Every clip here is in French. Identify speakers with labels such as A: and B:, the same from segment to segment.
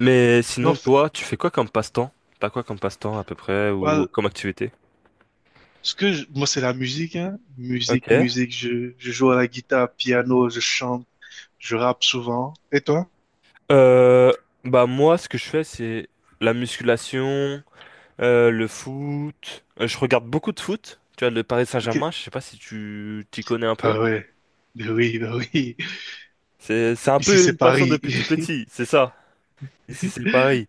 A: Mais
B: Non,
A: sinon, toi, tu fais quoi comme passe-temps? T'as quoi comme passe-temps à peu près ou
B: well,
A: comme activité?
B: moi, c'est la musique, hein. Musique,
A: Ok.
B: musique. Je joue à la guitare, piano, je chante, je rappe souvent. Et toi?
A: Euh, Bah moi, ce que je fais, c'est la musculation, le foot. Je regarde beaucoup de foot. Tu vois, le Paris
B: Ok.
A: Saint-Germain, je sais pas si tu t'y connais un peu.
B: Ah ouais. Ben oui, ben oui.
A: C'est un
B: Ici,
A: peu
B: c'est
A: une passion
B: Paris.
A: depuis tout petit, c'est ça. Ici, c'est Paris.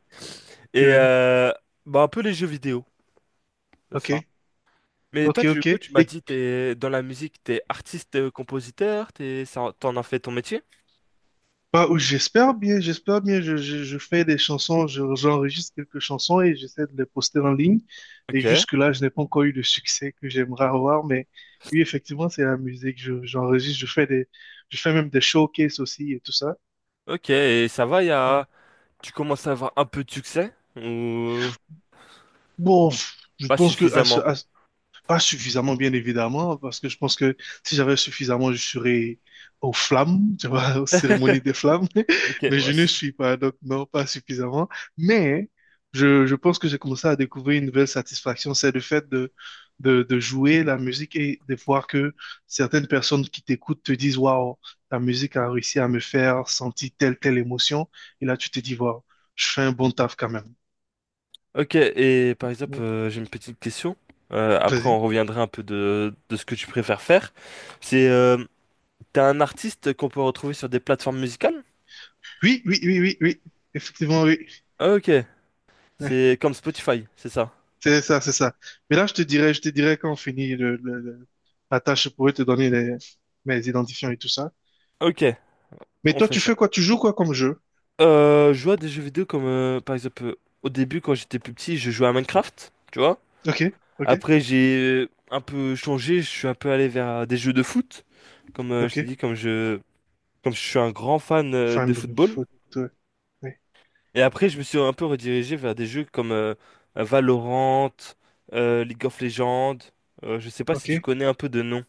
A: Et
B: Euh,
A: bah un peu les jeux vidéo, c'est
B: Ok,
A: ça. Mais
B: ok,
A: toi, tu, du
B: ok.
A: coup, tu m'as
B: Et
A: dit, t'es dans la musique, t'es artiste, compositeur, t'es, ça- t'en as fait ton métier?
B: Bah, j'espère bien, j'espère bien. Je fais des chansons, j'enregistre quelques chansons et j'essaie de les poster en ligne. Et
A: Ok.
B: jusque-là, je n'ai pas encore eu le succès que j'aimerais avoir, mais oui, effectivement, c'est la musique. J'enregistre, je fais même des showcases aussi et tout ça.
A: Ok, et ça va, y a... tu commences à avoir un peu de succès ou
B: Bon, je
A: pas
B: pense que
A: suffisamment?
B: pas suffisamment, bien évidemment, parce que je pense que si j'avais suffisamment, je serais aux flammes, tu vois, aux cérémonies des flammes,
A: Ok,
B: mais
A: ouais.
B: je ne
A: C'est-
B: suis pas, donc non, pas suffisamment. Mais je pense que j'ai commencé à découvrir une nouvelle satisfaction, c'est le fait de jouer la musique et de voir que certaines personnes qui t'écoutent te disent, waouh, ta musique a réussi à me faire sentir telle, telle émotion. Et là, tu te dis, waouh, je fais un bon taf quand même.
A: Ok, et par exemple,
B: Bon,
A: j'ai une petite question. Après, on
B: vas-y.
A: reviendra un peu de ce que tu préfères faire. C'est, t'es un artiste qu'on peut retrouver sur des plateformes musicales?
B: Oui, oui, oui, oui, oui, effectivement, oui.
A: Ok, c'est comme Spotify, c'est ça.
B: C'est ça, c'est ça. Mais là, je te dirais quand on finit la tâche, je pourrais te donner mes identifiants et tout ça.
A: Ok,
B: Mais
A: on
B: toi,
A: fait
B: tu
A: ça.
B: fais quoi? Tu joues quoi comme jeu?
A: Je joue à des jeux vidéo comme, par exemple, au début, quand j'étais plus petit, je jouais à Minecraft, tu vois?
B: Ok, ok,
A: Après, j'ai un peu changé, je suis un peu allé vers des jeux de foot. Comme je
B: ok.
A: t'ai dit, comme je suis un grand fan de
B: Fan de
A: football.
B: foot, ouais. Ouais,
A: Et après, je me suis un peu redirigé vers des jeux comme Valorant, League of Legends. Je sais pas si
B: ok.
A: tu connais un peu de nom.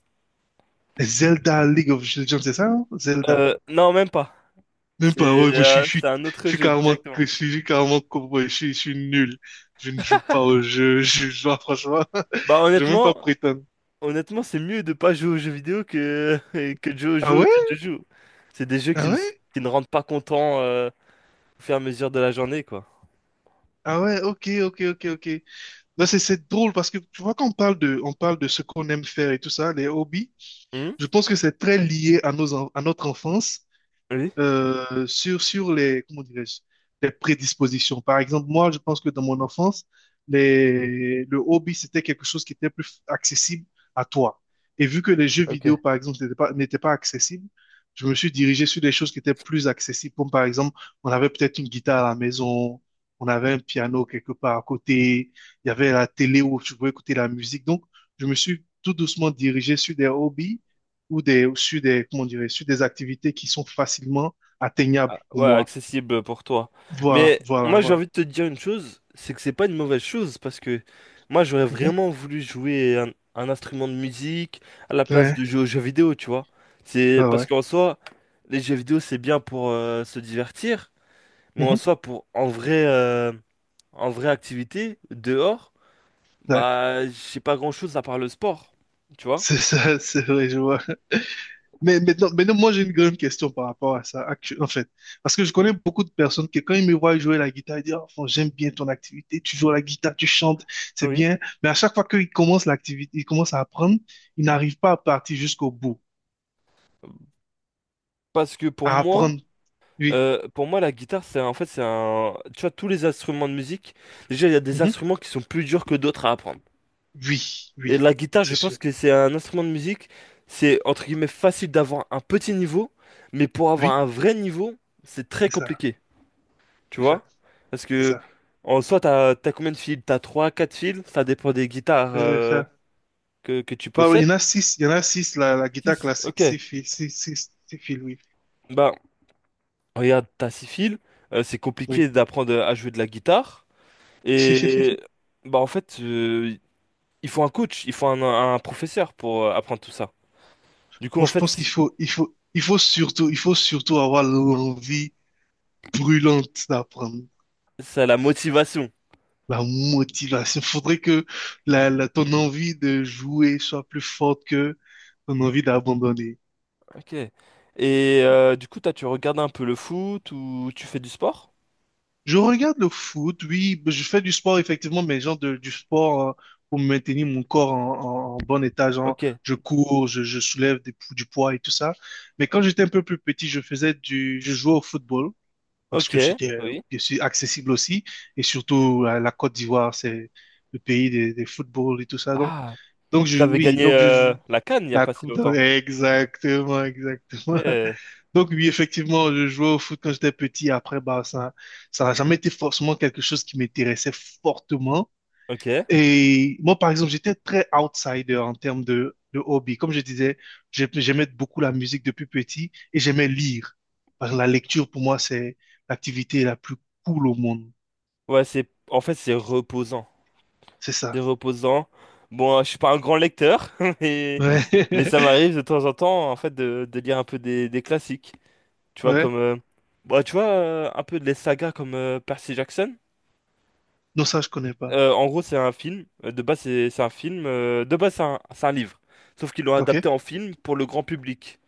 B: Zelda League of Legends, c'est ça, non? Zelda.
A: Non, même pas.
B: Même pas, ouais, moi,
A: C'est un
B: je
A: autre
B: suis
A: jeu
B: carrément,
A: directement.
B: je suis carrément cowboy, je suis nul. Je ne joue pas au jeu, je joue, franchement,
A: Bah
B: je vais même
A: honnêtement,
B: pas prétendre.
A: honnêtement, c'est mieux de pas jouer aux jeux vidéo que que de jouer aux
B: Ah
A: jeux
B: ouais?
A: auxquels je joue. C'est des jeux
B: Ah ouais?
A: qui ne rendent pas content au fur et à mesure de la journée, quoi.
B: Ah ouais, ok, ok, ok, ok. Non, c'est drôle parce que tu vois quand on parle de ce qu'on aime faire et tout ça, les hobbies,
A: Hmm.
B: je pense que c'est très lié à nos, à notre enfance
A: Oui?
B: sur les, comment dirais-je, les prédispositions. Par exemple, moi, je pense que dans mon enfance, le hobby, c'était quelque chose qui était plus accessible à toi. Et vu que les jeux vidéo,
A: Ok.
B: par exemple, n'étaient pas accessibles, je me suis dirigé sur des choses qui étaient plus accessibles. Comme par exemple, on avait peut-être une guitare à la maison, on avait un piano quelque part à côté, il y avait la télé où tu pouvais écouter la musique. Donc, je me suis tout doucement dirigé sur des hobbies ou comment dirais, sur des activités qui sont facilement atteignables
A: Ah,
B: pour
A: ouais,
B: moi.
A: accessible pour toi.
B: Voilà,
A: Mais
B: voilà,
A: moi, j'ai
B: voilà.
A: envie de te dire une chose, c'est que c'est pas une mauvaise chose, parce que moi, j'aurais
B: Mhm.
A: vraiment voulu jouer un instrument de musique à la place
B: Ouais,
A: de jouer aux jeux vidéo, tu vois. C'est
B: ouais,
A: parce
B: ouais.
A: qu'en soi, les jeux vidéo, c'est bien pour se divertir, mais en
B: Mhm.
A: soi, pour en vrai, en vraie activité, dehors,
B: Ouais.
A: bah, j'ai pas grand-chose à part le sport, tu vois.
B: C'est ça, c'est vrai, je vois. Mais maintenant, maintenant, moi, j'ai une grande question par rapport à ça, en fait. Parce que je connais beaucoup de personnes qui, quand ils me voient jouer la guitare, ils disent, oh, j'aime bien ton activité, tu joues à la guitare, tu chantes, c'est
A: Oui.
B: bien. Mais à chaque fois qu'ils commencent l'activité, ils commencent à apprendre, ils n'arrivent pas à partir jusqu'au bout,
A: Parce que
B: à apprendre. Oui.
A: Pour moi, la guitare, c'est un- en fait, c'est un. Tu vois, tous les instruments de musique, déjà, il y a des
B: Mhm.
A: instruments qui sont plus durs que d'autres à apprendre.
B: Oui,
A: Et
B: oui,
A: la guitare,
B: c'est
A: je
B: sûr.
A: pense que c'est un instrument de musique, c'est entre guillemets facile d'avoir un petit niveau, mais pour avoir
B: Oui,
A: un vrai niveau, c'est très
B: c'est ça.
A: compliqué. Tu
B: C'est
A: vois?
B: ça,
A: Parce
B: c'est
A: que
B: ça,
A: en soi, t'as combien de fils? T'as 3, 4 fils, ça dépend des guitares
B: c'est ça.
A: que tu
B: Bon, il y
A: possèdes.
B: en a six, il y en a six, la guitare
A: 6.
B: classique,
A: Ok.
B: six filles, six, six, six filles, oui.
A: Bah, regarde, t'as 6 fils, c'est
B: Oui.
A: compliqué d'apprendre à jouer de la guitare. Et bah en fait, il faut un coach, il faut un professeur pour apprendre tout ça. Du coup,
B: Moi,
A: en
B: je
A: fait,
B: pense qu'
A: c'est
B: il faut surtout avoir l'envie brûlante d'apprendre,
A: ça la motivation.
B: la motivation. Faudrait que ton envie de jouer soit plus forte que ton envie d'abandonner.
A: Ok. Et du coup, toi, tu regardes un peu le foot ou tu fais du sport?
B: Je regarde le foot, oui, je fais du sport effectivement, mais genre du sport pour maintenir mon corps en, en bon état, genre
A: Ok.
B: je cours, je soulève du poids et tout ça. Mais quand j'étais un peu plus petit, je jouais au football parce
A: Ok.
B: que c'était
A: Oui.
B: bien accessible aussi et surtout la Côte d'Ivoire, c'est le pays des footballs et tout ça. Donc,
A: Ah, vous avez
B: oui,
A: gagné
B: donc je joue
A: la CAN il n'y a
B: la
A: pas si
B: coupe d'Afrique.
A: longtemps.
B: Exactement, exactement.
A: Ok.
B: Donc oui, effectivement, je jouais au foot quand j'étais petit. Après, bah, ça n'a jamais été forcément quelque chose qui m'intéressait fortement.
A: Ok.
B: Et moi, par exemple, j'étais très outsider en termes de hobby. Comme je disais, j'aimais beaucoup la musique depuis petit et j'aimais lire. Parce que la lecture, pour moi, c'est l'activité la plus cool au monde.
A: Ouais, c'est en fait c'est reposant.
B: C'est ça.
A: C'est reposant. Bon, je suis pas un grand lecteur, mais
B: Ouais.
A: mais ça m'arrive de temps en temps en fait de lire un peu des classiques. Tu vois,
B: Ouais.
A: comme. Bah, tu vois, un peu de les sagas comme Percy Jackson.
B: Non, ça, je connais pas.
A: En gros, c'est un film. De base, c'est un film. De base, c'est un livre. Sauf qu'ils l'ont
B: Ok.
A: adapté en film pour le grand public.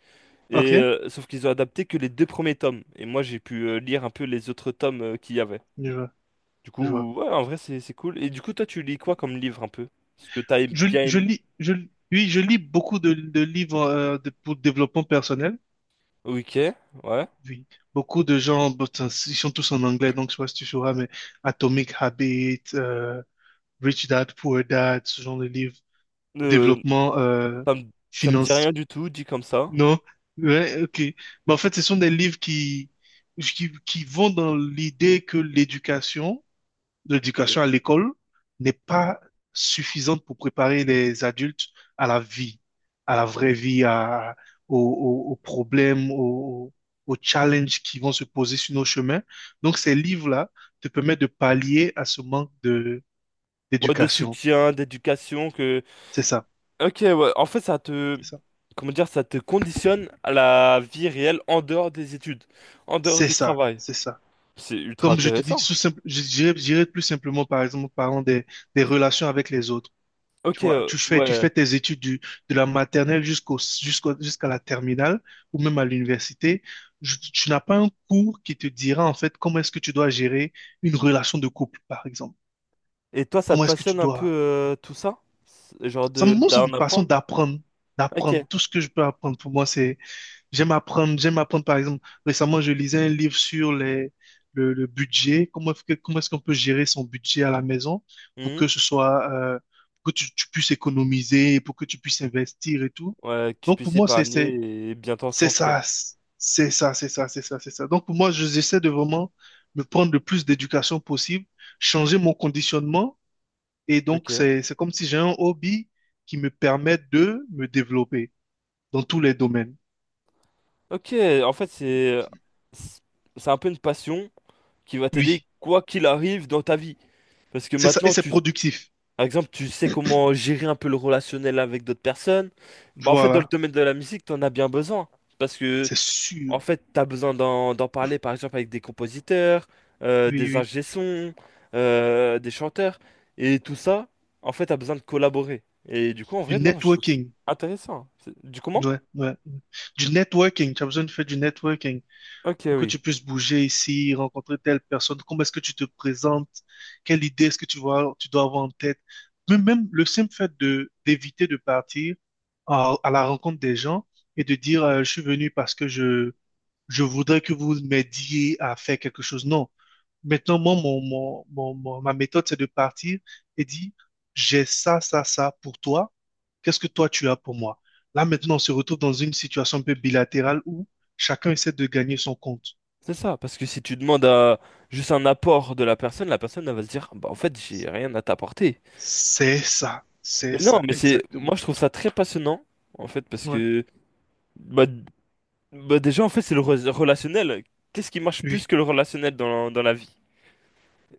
A: Et
B: Ok.
A: sauf qu'ils ont adapté que les deux premiers tomes. Et moi, j'ai pu lire un peu les autres tomes qu'il y avait.
B: Je vois.
A: Du
B: Je vois.
A: coup, ouais, en vrai, c'est cool. Et du coup, toi, tu lis quoi comme livre un peu? Ce que t'as
B: Je,
A: bien
B: je
A: aimé.
B: lis, je, oui, je lis beaucoup de livres pour développement personnel.
A: Ok, ouais.
B: Oui, beaucoup de gens, but, ils sont tous en anglais, donc je sais pas si tu sauras, mais Atomic Habits, Rich Dad, Poor Dad, ce genre de livres,
A: Euh,
B: développement,
A: ça me, ça me dit rien
B: finance,
A: du tout, dit comme ça.
B: non? Ouais, ok. Mais en fait, ce sont des livres qui vont dans l'idée que l'éducation, l'éducation
A: Ok.
B: à l'école n'est pas suffisante pour préparer les adultes à la vie, à la vraie vie, à, aux problèmes, aux challenges qui vont se poser sur nos chemins. Donc, ces livres-là te permettent de pallier à ce manque
A: Ouais, de
B: d'éducation.
A: soutien, d'éducation, que
B: C'est ça,
A: Ok, ouais. En fait, ça te,
B: c'est ça,
A: comment dire, ça te conditionne à la vie réelle en dehors des études, en dehors
B: c'est
A: du
B: ça,
A: travail.
B: c'est ça.
A: C'est ultra
B: Comme je te dis,
A: intéressant.
B: tout simple, je dirais plus simplement, par exemple, en parlant des relations avec les autres. Tu
A: Ok,
B: vois, tu fais
A: ouais.
B: tes études de la maternelle jusqu'à la terminale ou même à l'université. Je- Tu n'as pas un cours qui te dira en fait comment est-ce que tu dois gérer une relation de couple, par exemple.
A: Et toi, ça te
B: Comment est-ce que tu
A: passionne un peu
B: dois...
A: tout ça? C'est- Genre
B: Ça,
A: de
B: moi, ça me
A: d'en
B: passionne
A: apprendre?
B: d'apprendre, d'apprendre.
A: Ok.
B: Tout ce que je peux apprendre pour moi, c'est j'aime apprendre, j'aime apprendre par exemple, récemment je lisais un livre sur le budget, comment est-ce qu'on peut gérer son budget à la maison pour
A: Mhm.
B: que ce soit, pour que tu puisses économiser, pour que tu puisses investir et tout.
A: Ouais, que tu
B: Donc pour
A: puisses
B: moi,
A: épargner et bien t'en
B: c'est
A: sortir.
B: ça, c'est ça, c'est ça, c'est ça, c'est ça. Donc pour moi, j'essaie de vraiment me prendre le plus d'éducation possible, changer mon conditionnement et donc
A: Ok.
B: c'est comme si j'ai un hobby qui me permet de me développer dans tous les domaines.
A: Ok, en fait, c'est un peu une passion qui va t'aider
B: Oui.
A: quoi qu'il arrive dans ta vie. Parce que
B: C'est ça, et
A: maintenant,
B: c'est
A: tu,
B: productif.
A: Par exemple, tu sais comment gérer un peu le relationnel avec d'autres personnes. Bah, en fait, dans le
B: Voilà,
A: domaine de la musique, t'en as bien besoin. Parce que,
B: c'est
A: en
B: sûr.
A: fait, t'as besoin d'en d'en parler, par exemple, avec des compositeurs,
B: Oui,
A: des
B: oui.
A: ingé sons, des chanteurs. Et tout ça, en fait, t'as besoin de collaborer. Et du coup, en
B: Du
A: vrai, non, je trouve ça
B: networking.
A: intéressant. C'est- Du comment?
B: Ouais, ouais, ouais. Du networking. Tu as besoin de faire du networking.
A: Ok,
B: Faut que
A: oui.
B: tu puisses bouger ici, rencontrer telle personne. Comment est-ce que tu te présentes? Quelle idée est-ce que tu vois, tu dois avoir en tête? Mais même le simple fait de d'éviter de partir à la rencontre des gens et de dire je suis venu parce que je voudrais que vous m'aidiez à faire quelque chose. Non. Maintenant, moi, ma méthode, c'est de partir et dire, j'ai ça, ça, ça pour toi. Qu'est-ce que toi, tu as pour moi? Là, maintenant, on se retrouve dans une situation un peu bilatérale où chacun essaie de gagner son compte.
A: C'est ça. Parce que si tu demandes à juste un apport de la personne, elle va se dire, bah, en fait, j'ai rien à t'apporter. Mais
B: C'est
A: non,
B: ça,
A: mais c'est,
B: exactement.
A: moi, je trouve ça très passionnant, en fait, parce
B: Ouais,
A: que. Bah, bah déjà, en fait, c'est le re- relationnel. Qu'est-ce qui marche plus
B: oui,
A: que le relationnel dans, dans la vie?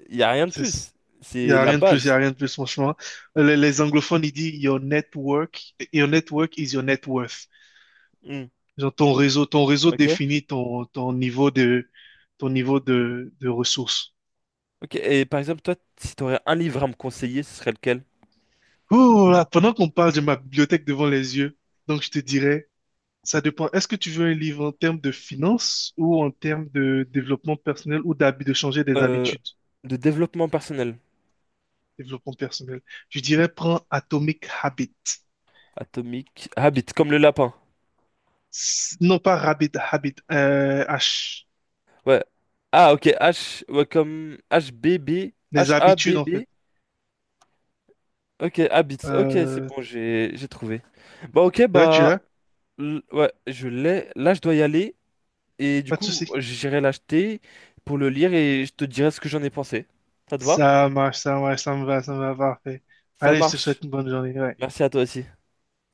A: Il n'y a rien de
B: c'est s-
A: plus.
B: il n'y
A: C'est
B: a
A: la
B: rien de plus, il n'y a
A: base.
B: rien de plus, franchement. Les anglophones, ils disent your network is your net worth.
A: Hmm.
B: Genre, ton réseau
A: Ok.
B: définit ton niveau de ressources.
A: Ok. Et par exemple, toi, si tu aurais un livre à me conseiller, ce serait lequel?
B: Oh là, pendant qu'on parle, j'ai ma bibliothèque devant les yeux. Donc, je te dirais, ça dépend. Est-ce que tu veux un livre en termes de finances ou en termes de développement personnel ou d'habit, de changer des
A: Euh,
B: habitudes?
A: de développement personnel.
B: Développement personnel. Je dirais, prends Atomic Habit.
A: Atomique. Habit, comme le lapin.
B: Non pas Rabbit, Habit, H.
A: Ouais. Ah, ok. H, ouais, comme h b b
B: Les habitudes, en fait.
A: H-A-B-B. Ok, Habit. Ok, c'est
B: Euh,
A: bon, j'ai trouvé. Bah, ok,
B: ouais, tu
A: bah,
B: l'as?
A: l- ouais, je l'ai. Là, je dois y aller. Et du
B: Pas de
A: coup,
B: souci.
A: j'irai l'acheter pour le lire et je te dirai ce que j'en ai pensé. Ça te va?
B: Ça marche, ça marche, ça me va, parfait.
A: Ça
B: Allez, je te souhaite
A: marche.
B: une bonne journée. Ouais.
A: Merci à toi aussi.